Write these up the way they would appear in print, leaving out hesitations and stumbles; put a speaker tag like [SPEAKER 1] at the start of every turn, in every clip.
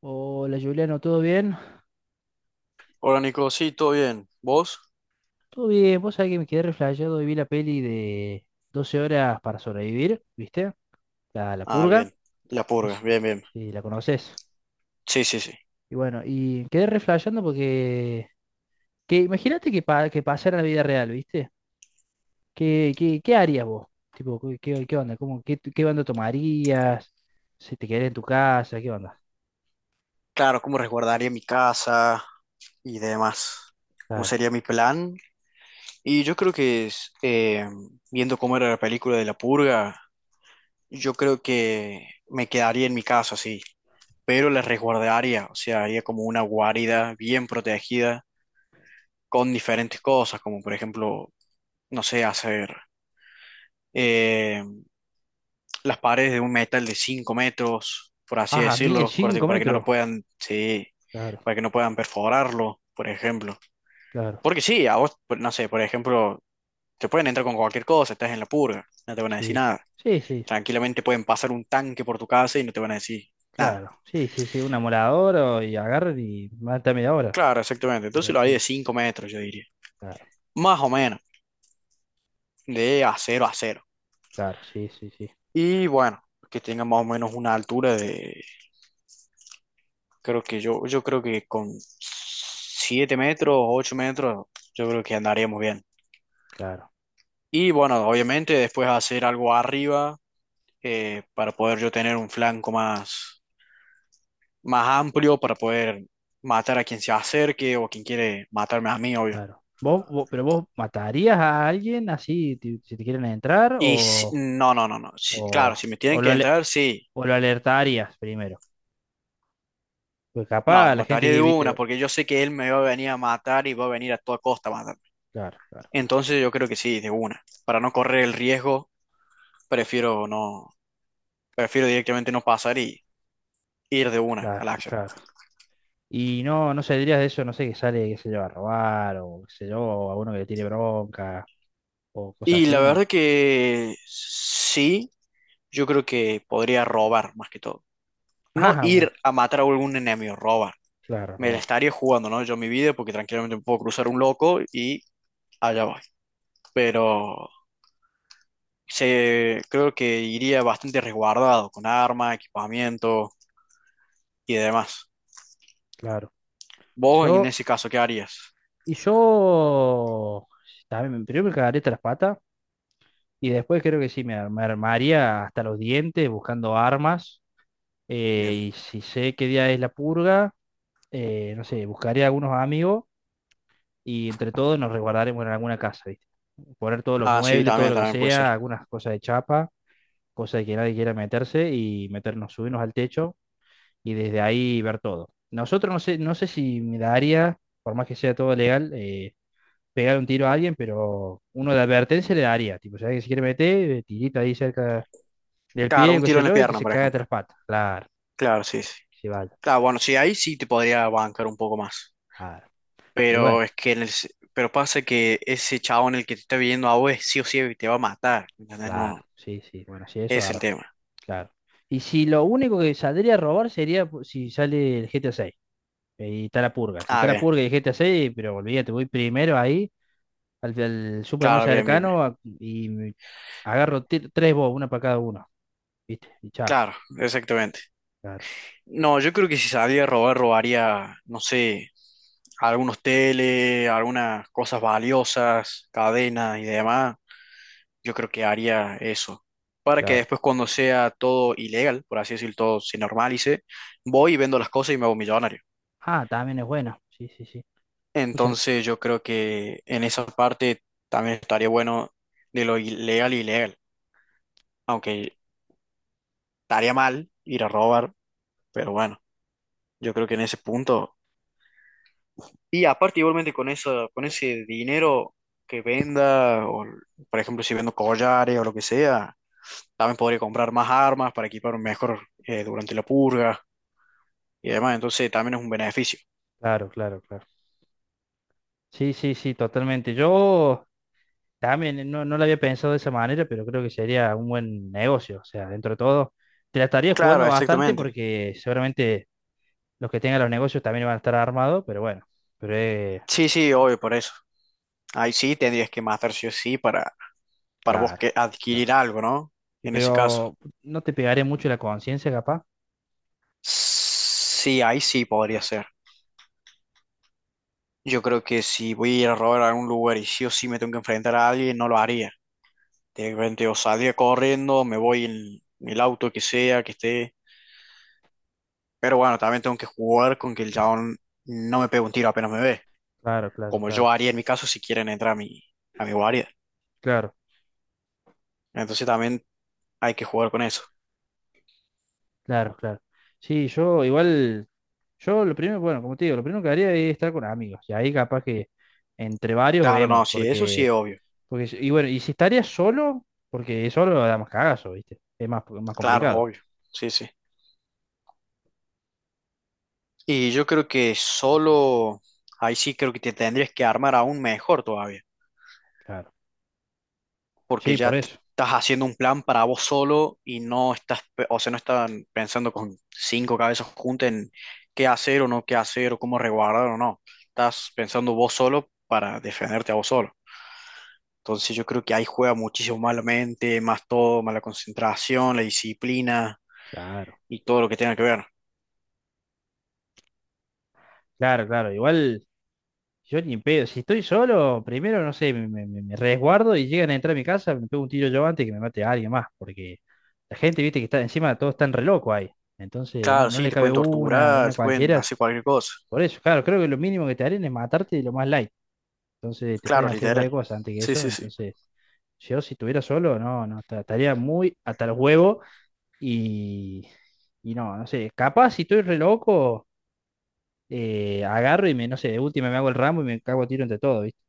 [SPEAKER 1] Hola Juliano, ¿todo bien?
[SPEAKER 2] Hola Nico, sí, todo bien. ¿Vos?
[SPEAKER 1] Todo bien, vos sabés que me quedé reflejado y vi la peli de Doce horas para sobrevivir, ¿viste? La
[SPEAKER 2] Ah,
[SPEAKER 1] purga,
[SPEAKER 2] bien. La
[SPEAKER 1] no
[SPEAKER 2] purga,
[SPEAKER 1] sé
[SPEAKER 2] bien, bien.
[SPEAKER 1] si la conoces.
[SPEAKER 2] Sí, sí, sí.
[SPEAKER 1] Y bueno, y quedé reflejando porque, que imagínate que, que pasara en la vida real, ¿viste? ¿Qué harías vos? Tipo, qué onda? ¿Cómo, qué onda tomarías? Si te quedarías en tu casa, ¿qué onda?
[SPEAKER 2] Claro, cómo resguardaría mi casa y demás. ¿Cómo
[SPEAKER 1] Claro.
[SPEAKER 2] sería mi plan? Y yo creo que es, viendo cómo era la película de la purga, yo creo que me quedaría en mi casa, sí. Pero la resguardaría, o sea, haría como una guarida bien protegida con diferentes cosas, como por ejemplo, no sé, hacer eh, las paredes de un metal de 5 metros, por así
[SPEAKER 1] Ah, a mí es
[SPEAKER 2] decirlo, corte,
[SPEAKER 1] 5
[SPEAKER 2] para que no lo
[SPEAKER 1] metros.
[SPEAKER 2] puedan, sí,
[SPEAKER 1] Claro,
[SPEAKER 2] para que no puedan perforarlo, por ejemplo.
[SPEAKER 1] claro,
[SPEAKER 2] Porque sí, a vos, no sé, por ejemplo, te pueden entrar con cualquier cosa, estás en la purga, no te van a decir
[SPEAKER 1] sí.
[SPEAKER 2] nada.
[SPEAKER 1] Sí, sí.
[SPEAKER 2] Tranquilamente pueden pasar un tanque por tu casa y no te van a decir nada.
[SPEAKER 1] Claro, sí, sí, sí, un amolador y agarran y mata media hora.
[SPEAKER 2] Claro, exactamente. Entonces
[SPEAKER 1] Pero
[SPEAKER 2] lo haría
[SPEAKER 1] sí,
[SPEAKER 2] de 5 metros, yo diría.
[SPEAKER 1] claro,
[SPEAKER 2] Más o menos, de acero a cero.
[SPEAKER 1] claro, sí, sí, sí,
[SPEAKER 2] Y bueno, que tenga más o menos una altura de... Creo que yo, creo que con 7 metros, 8 metros, yo creo que andaríamos bien.
[SPEAKER 1] claro,
[SPEAKER 2] Y bueno, obviamente después hacer algo arriba para poder yo tener un flanco más amplio para poder matar a quien se acerque o quien quiere matarme a mí, obvio.
[SPEAKER 1] claro. Pero vos matarías a alguien si te quieren entrar
[SPEAKER 2] Y si- no, no, no, no. Claro,
[SPEAKER 1] o,
[SPEAKER 2] si me tienen
[SPEAKER 1] o lo,
[SPEAKER 2] que
[SPEAKER 1] ale-
[SPEAKER 2] entrar, sí.
[SPEAKER 1] o lo alertarías primero? Porque
[SPEAKER 2] No,
[SPEAKER 1] capaz
[SPEAKER 2] lo
[SPEAKER 1] la gente
[SPEAKER 2] mataría de
[SPEAKER 1] que
[SPEAKER 2] una
[SPEAKER 1] viste.
[SPEAKER 2] porque yo sé que él me va a venir a matar y va a venir a toda costa a matar.
[SPEAKER 1] Claro, claro,
[SPEAKER 2] Entonces yo creo que sí, de una. Para no correr el riesgo, prefiero no, prefiero directamente no pasar y ir de una a
[SPEAKER 1] claro,
[SPEAKER 2] la acción.
[SPEAKER 1] claro. Y no, no saldrías de eso, no sé, que sale, que se lleva a robar, o qué sé yo, o a uno que le tire bronca, o cosas
[SPEAKER 2] Y la
[SPEAKER 1] así, ¿no?
[SPEAKER 2] verdad que sí, yo creo que podría robar más que todo. No
[SPEAKER 1] Ah, bueno,
[SPEAKER 2] ir a matar a algún enemigo, robar.
[SPEAKER 1] claro,
[SPEAKER 2] Me la
[SPEAKER 1] robar,
[SPEAKER 2] estaría jugando, ¿no? Yo mi vida, porque tranquilamente me puedo cruzar un loco y allá voy. Pero creo que iría bastante resguardado con arma, equipamiento y demás.
[SPEAKER 1] claro.
[SPEAKER 2] Vos en
[SPEAKER 1] Yo.
[SPEAKER 2] ese caso, ¿qué harías?
[SPEAKER 1] Y yo también, primero me cagaría hasta las patas y después creo que sí, me armaría hasta los dientes buscando armas.
[SPEAKER 2] Bien.
[SPEAKER 1] Y si sé qué día es la purga, no sé, buscaría algunos amigos y entre todos nos resguardaremos en alguna casa, ¿viste? Poner todos los
[SPEAKER 2] Ah, sí,
[SPEAKER 1] muebles, todo
[SPEAKER 2] también,
[SPEAKER 1] lo que
[SPEAKER 2] también puede ser.
[SPEAKER 1] sea, algunas cosas de chapa, cosas de que nadie quiera meterse y meternos, subirnos al techo y desde ahí ver todo. Nosotros no sé, no sé si me daría, por más que sea todo legal, pegar un tiro a alguien, pero uno de advertencia le daría. Tipo, ¿sabes que si quiere meter, tirita ahí cerca del
[SPEAKER 2] Claro,
[SPEAKER 1] pie,
[SPEAKER 2] un
[SPEAKER 1] qué
[SPEAKER 2] tiro
[SPEAKER 1] sé
[SPEAKER 2] en la
[SPEAKER 1] yo, y que
[SPEAKER 2] pierna,
[SPEAKER 1] se
[SPEAKER 2] por
[SPEAKER 1] caiga de
[SPEAKER 2] ejemplo.
[SPEAKER 1] tres patas? Claro,
[SPEAKER 2] Claro, sí, sí.
[SPEAKER 1] que se vaya.
[SPEAKER 2] Claro, bueno, sí, ahí sí te podría bancar un poco más.
[SPEAKER 1] Claro. Y
[SPEAKER 2] Pero
[SPEAKER 1] bueno,
[SPEAKER 2] es que pero pasa que ese chabón el que te está viendo a vos sí o sí te va a matar. ¿Entendés?
[SPEAKER 1] claro,
[SPEAKER 2] No,
[SPEAKER 1] sí, sí. Bueno, sí,
[SPEAKER 2] ese
[SPEAKER 1] eso
[SPEAKER 2] es el
[SPEAKER 1] ahora,
[SPEAKER 2] tema.
[SPEAKER 1] claro. Y si lo único que saldría a robar sería si sale el GTA 6 y está la purga. Si está
[SPEAKER 2] Ah,
[SPEAKER 1] la
[SPEAKER 2] bien.
[SPEAKER 1] purga y el GTA 6, pero olvídate, voy primero ahí al, al súper más
[SPEAKER 2] Claro, bien, bien, bien.
[SPEAKER 1] cercano agarro tres bobos, una para cada uno, ¿viste? Y chao.
[SPEAKER 2] Claro, exactamente.
[SPEAKER 1] Claro,
[SPEAKER 2] No, yo creo que si salía a robar, robaría, no sé, algunos teles, algunas cosas valiosas, cadenas y demás. Yo creo que haría eso. Para que
[SPEAKER 1] claro.
[SPEAKER 2] después cuando sea todo ilegal, por así decirlo, todo se normalice, voy y vendo las cosas y me hago millonario.
[SPEAKER 1] Ah, también es bueno. Sí, sí, sí. Muchas.
[SPEAKER 2] Entonces yo creo que en esa parte también estaría bueno de lo ilegal y ilegal. Aunque estaría mal ir a robar, pero bueno, yo creo que en ese punto. Y aparte, igualmente con eso, con ese dinero que venda, o por ejemplo, si vendo collares o lo que sea, también podría comprar más armas para equiparme mejor durante la purga y demás. Entonces, también es un beneficio.
[SPEAKER 1] Claro, claro, claro. Sí, sí, sí, totalmente. Yo también, no, no lo había pensado de esa manera, pero creo que sería un buen negocio. O sea, dentro de todo, te la estaría
[SPEAKER 2] Claro,
[SPEAKER 1] jugando bastante
[SPEAKER 2] exactamente.
[SPEAKER 1] porque seguramente los que tengan los negocios también van a estar armados, pero bueno, pero
[SPEAKER 2] Sí, sí, obvio, por eso. Ahí sí tendrías que matar sí o sí para vos
[SPEAKER 1] claro,
[SPEAKER 2] que
[SPEAKER 1] claro.
[SPEAKER 2] adquirir algo, ¿no?
[SPEAKER 1] Y
[SPEAKER 2] En ese caso.
[SPEAKER 1] pero no te pegaré mucho la conciencia, capaz.
[SPEAKER 2] Sí, ahí sí podría ser. Yo creo que si voy a ir a robar a algún lugar y sí o sí me tengo que enfrentar a alguien, no lo haría de repente o salir corriendo, me voy en el auto que sea, que esté. Pero bueno, también tengo que jugar con que el chabón no me pegue un tiro apenas me ve,
[SPEAKER 1] Claro, claro,
[SPEAKER 2] como yo
[SPEAKER 1] claro,
[SPEAKER 2] haría en mi caso si quieren entrar a mi guardia.
[SPEAKER 1] claro.
[SPEAKER 2] Entonces también hay que jugar con eso.
[SPEAKER 1] Claro, claro. Sí, yo igual, yo lo primero, bueno, como te digo, lo primero que haría es estar con amigos. Y ahí capaz que entre varios
[SPEAKER 2] Claro,
[SPEAKER 1] vemos,
[SPEAKER 2] no, sí, eso sí
[SPEAKER 1] porque,
[SPEAKER 2] es obvio.
[SPEAKER 1] si- y bueno, y si estaría solo, porque solo da más cagazo, ¿viste? Es más, más
[SPEAKER 2] Claro, es
[SPEAKER 1] complicado.
[SPEAKER 2] obvio. Sí, sí. Y yo creo que solo ahí sí creo que te tendrías que armar aún mejor todavía,
[SPEAKER 1] Claro.
[SPEAKER 2] porque
[SPEAKER 1] Sí,
[SPEAKER 2] ya
[SPEAKER 1] por
[SPEAKER 2] te
[SPEAKER 1] eso.
[SPEAKER 2] estás haciendo un plan para vos solo y no estás, o sea, no están pensando con 5 cabezas juntas en qué hacer o no qué hacer o cómo resguardar o no. Estás pensando vos solo para defenderte a vos solo. Entonces yo creo que ahí juega muchísimo más la mente, más todo, más la concentración, la disciplina
[SPEAKER 1] Claro,
[SPEAKER 2] y todo lo que tenga que ver.
[SPEAKER 1] claro, claro. Igual, yo ni en pedo. Si estoy solo, primero, no sé, me resguardo y llegan a entrar a mi casa, me pego un tiro yo antes que me mate a alguien más, porque la gente, viste, que está encima, todos están re locos ahí. Entonces, no,
[SPEAKER 2] Claro,
[SPEAKER 1] no
[SPEAKER 2] sí,
[SPEAKER 1] le
[SPEAKER 2] te
[SPEAKER 1] cabe
[SPEAKER 2] pueden
[SPEAKER 1] una, ven
[SPEAKER 2] torturar,
[SPEAKER 1] a
[SPEAKER 2] te pueden
[SPEAKER 1] cualquiera.
[SPEAKER 2] hacer cualquier cosa.
[SPEAKER 1] Por eso, claro, creo que lo mínimo que te harían es matarte de lo más light. Entonces te
[SPEAKER 2] Claro,
[SPEAKER 1] pueden hacer
[SPEAKER 2] literal.
[SPEAKER 1] cualquier cosa antes que
[SPEAKER 2] Sí,
[SPEAKER 1] eso.
[SPEAKER 2] sí, sí.
[SPEAKER 1] Entonces, yo si estuviera solo, no, no, estaría muy hasta el huevo y, y no, no sé. Capaz si estoy re loco, agarro y me, no sé, de última me hago el ramo y me cago a tiro entre todo, ¿viste?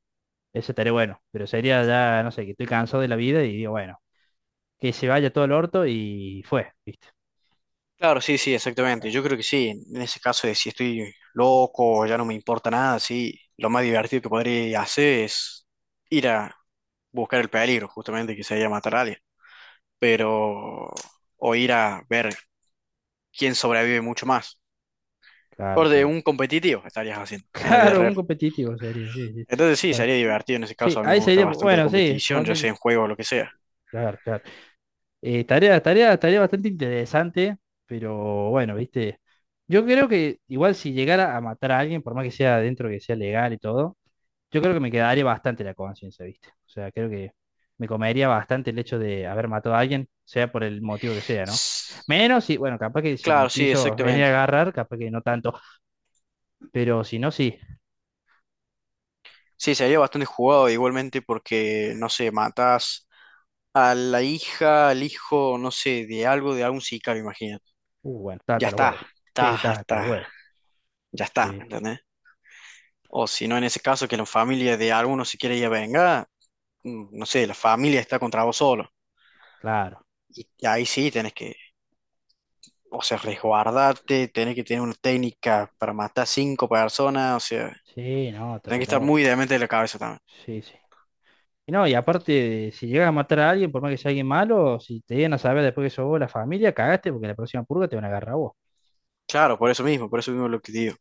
[SPEAKER 1] Eso estaría bueno. Pero sería ya, no sé, que estoy cansado de la vida y digo, bueno, que se vaya todo el orto y fue, ¿viste?
[SPEAKER 2] Claro, sí, sí, exactamente.
[SPEAKER 1] Ah,
[SPEAKER 2] Yo creo que sí. En ese caso de si estoy loco o ya no me importa nada, sí, lo más divertido que podría hacer es ir a buscar el peligro, justamente que se matar a alguien. Pero, o ir a ver quién sobrevive mucho más.
[SPEAKER 1] claro,
[SPEAKER 2] De
[SPEAKER 1] claro.
[SPEAKER 2] un competitivo estarías haciendo en la vida
[SPEAKER 1] Claro, un
[SPEAKER 2] real.
[SPEAKER 1] competitivo sería, sí, sí.
[SPEAKER 2] Entonces sí,
[SPEAKER 1] Claro.
[SPEAKER 2] sería divertido en ese
[SPEAKER 1] Sí,
[SPEAKER 2] caso. A mí me
[SPEAKER 1] ahí
[SPEAKER 2] gusta
[SPEAKER 1] sería,
[SPEAKER 2] bastante la
[SPEAKER 1] bueno, sí,
[SPEAKER 2] competición, ya sea
[SPEAKER 1] ponele.
[SPEAKER 2] en juego o lo que sea.
[SPEAKER 1] Claro, claro. Tarea bastante interesante, pero bueno, viste. Yo creo que igual si llegara a matar a alguien, por más que sea dentro que sea legal y todo, yo creo que me quedaría bastante la conciencia, viste. O sea, creo que me comería bastante el hecho de haber matado a alguien, sea por el motivo que sea, ¿no? Menos si, bueno, capaz que si me
[SPEAKER 2] Claro, sí,
[SPEAKER 1] quiso venir a
[SPEAKER 2] exactamente.
[SPEAKER 1] agarrar, capaz que no tanto, pero si no, sí.
[SPEAKER 2] Sí, sería bastante jugado igualmente porque, no sé, matas a la hija, al hijo, no sé, de algo, de algún sicario, imagínate.
[SPEAKER 1] Bueno, está
[SPEAKER 2] Ya
[SPEAKER 1] hasta los
[SPEAKER 2] está,
[SPEAKER 1] huevos. Sí,
[SPEAKER 2] está,
[SPEAKER 1] está hasta los
[SPEAKER 2] hasta,
[SPEAKER 1] huevos.
[SPEAKER 2] ya está,
[SPEAKER 1] Sí,
[SPEAKER 2] ¿me ¿entendés? O si no, en ese caso, que la familia de alguno si quiere ir a vengar, no sé, la familia está contra vos solo.
[SPEAKER 1] claro.
[SPEAKER 2] Y ahí sí tenés que, o sea, resguardarte, tenés que tener una técnica para matar 5 personas, o sea,
[SPEAKER 1] Sí, no, te
[SPEAKER 2] tenés que
[SPEAKER 1] re
[SPEAKER 2] estar muy
[SPEAKER 1] loco.
[SPEAKER 2] demente de la cabeza también.
[SPEAKER 1] Sí, sí. Y no, y aparte, si llegas a matar a alguien, por más que sea alguien malo, si te llegan a saber después que sos vos la familia, cagaste porque la próxima purga te van a agarrar a vos.
[SPEAKER 2] Claro, por eso mismo lo que digo,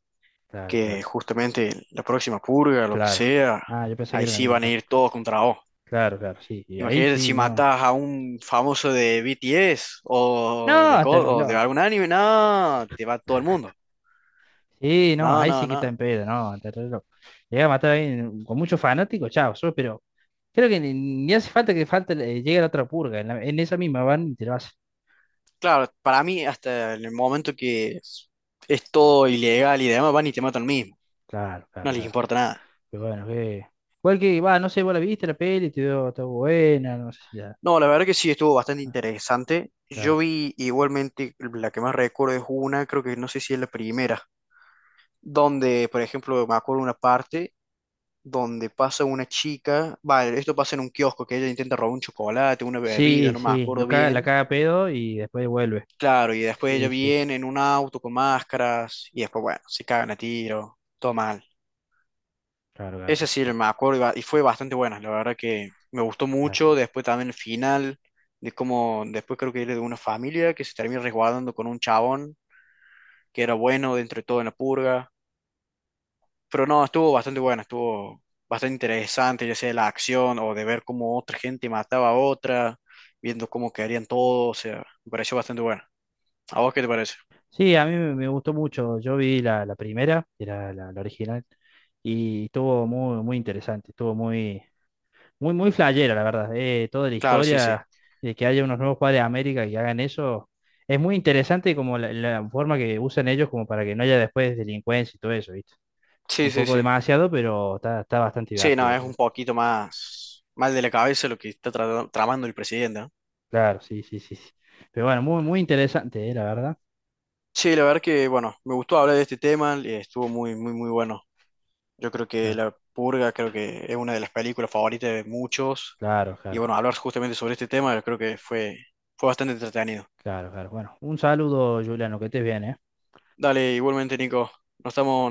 [SPEAKER 1] Claro,
[SPEAKER 2] que
[SPEAKER 1] claro,
[SPEAKER 2] justamente la próxima purga, lo que
[SPEAKER 1] claro.
[SPEAKER 2] sea,
[SPEAKER 1] Ah, yo pensé que
[SPEAKER 2] ahí
[SPEAKER 1] era la
[SPEAKER 2] sí
[SPEAKER 1] misma,
[SPEAKER 2] van a
[SPEAKER 1] claro.
[SPEAKER 2] ir todos contra vos.
[SPEAKER 1] Claro, claro, sí. Y ahí
[SPEAKER 2] Imagínate
[SPEAKER 1] sí,
[SPEAKER 2] si
[SPEAKER 1] no.
[SPEAKER 2] matas a un famoso de BTS
[SPEAKER 1] No,
[SPEAKER 2] o de,
[SPEAKER 1] hasta el
[SPEAKER 2] co- o de
[SPEAKER 1] reloj.
[SPEAKER 2] algún anime, no, te va todo el mundo.
[SPEAKER 1] Sí, no,
[SPEAKER 2] No,
[SPEAKER 1] ahí
[SPEAKER 2] no,
[SPEAKER 1] sí que está
[SPEAKER 2] no.
[SPEAKER 1] en pedo, no, hasta el reloj. Llegas a matar a alguien con muchos fanáticos, chao, sos, pero creo que ni hace falta que falte, llegue la otra purga. En esa misma van y te lo hacen.
[SPEAKER 2] Claro, para mí, hasta en el momento que es todo ilegal y demás, van y te matan mismo.
[SPEAKER 1] Claro,
[SPEAKER 2] No
[SPEAKER 1] claro,
[SPEAKER 2] les
[SPEAKER 1] claro.
[SPEAKER 2] importa nada.
[SPEAKER 1] Pero bueno, que. Igual que, va, no sé, vos la viste la peli, te dio, está buena, no sé si la.
[SPEAKER 2] No, la verdad que sí estuvo bastante interesante. Yo
[SPEAKER 1] Claro,
[SPEAKER 2] vi igualmente, la que más recuerdo es una, creo que no sé si es la primera, donde, por ejemplo, me acuerdo una parte donde pasa una chica, vale, esto pasa en un kiosco, que ella intenta robar un chocolate, una bebida,
[SPEAKER 1] sí,
[SPEAKER 2] no me
[SPEAKER 1] sí, lo
[SPEAKER 2] acuerdo
[SPEAKER 1] caga, la
[SPEAKER 2] bien.
[SPEAKER 1] caga a pedo y después vuelve.
[SPEAKER 2] Claro, y después ella
[SPEAKER 1] Sí, sí, sí,
[SPEAKER 2] viene en un auto con máscaras, y después, bueno, se cagan a tiro, todo mal.
[SPEAKER 1] claro, claro, ya
[SPEAKER 2] Ese sí
[SPEAKER 1] está,
[SPEAKER 2] me acuerdo y fue bastante buena, la verdad que me gustó
[SPEAKER 1] claro.
[SPEAKER 2] mucho, después también el final, de cómo después creo que era de una familia que se termina resguardando con un chabón que era bueno dentro de todo en la purga. Pero no, estuvo bastante buena, estuvo bastante interesante, ya sea la acción o de ver cómo otra gente mataba a otra, viendo cómo quedarían todos, o sea, me pareció bastante buena. ¿A vos qué te parece?
[SPEAKER 1] Sí, a mí me gustó mucho. Yo vi la, primera, que era la, original, y estuvo muy, muy interesante, estuvo muy, muy, muy flayera, la verdad. Toda la
[SPEAKER 2] Claro, sí, sí.
[SPEAKER 1] historia de que haya unos nuevos padres de América que hagan eso, es muy interesante como la, forma que usan ellos como para que no haya después delincuencia y todo eso, ¿viste?
[SPEAKER 2] Sí,
[SPEAKER 1] Un
[SPEAKER 2] sí,
[SPEAKER 1] poco
[SPEAKER 2] sí.
[SPEAKER 1] demasiado, pero está, está bastante
[SPEAKER 2] Sí, no,
[SPEAKER 1] divertido.
[SPEAKER 2] es un poquito más mal de la cabeza lo que está tramando el presidente, ¿no?
[SPEAKER 1] Claro, sí, sí, sí, sí. Pero bueno, muy, muy interesante, la verdad.
[SPEAKER 2] Sí, la verdad que, bueno, me gustó hablar de este tema, y estuvo muy, muy, muy bueno. Yo creo que
[SPEAKER 1] Claro,
[SPEAKER 2] La Purga, creo que es una de las películas favoritas de muchos,
[SPEAKER 1] claro,
[SPEAKER 2] y bueno, hablar justamente sobre este tema, creo que fue bastante entretenido.
[SPEAKER 1] claro, claro, claro. Bueno, un saludo, Juliano, que estés bien, ¿eh?
[SPEAKER 2] Dale, igualmente, Nico. Nos estamos.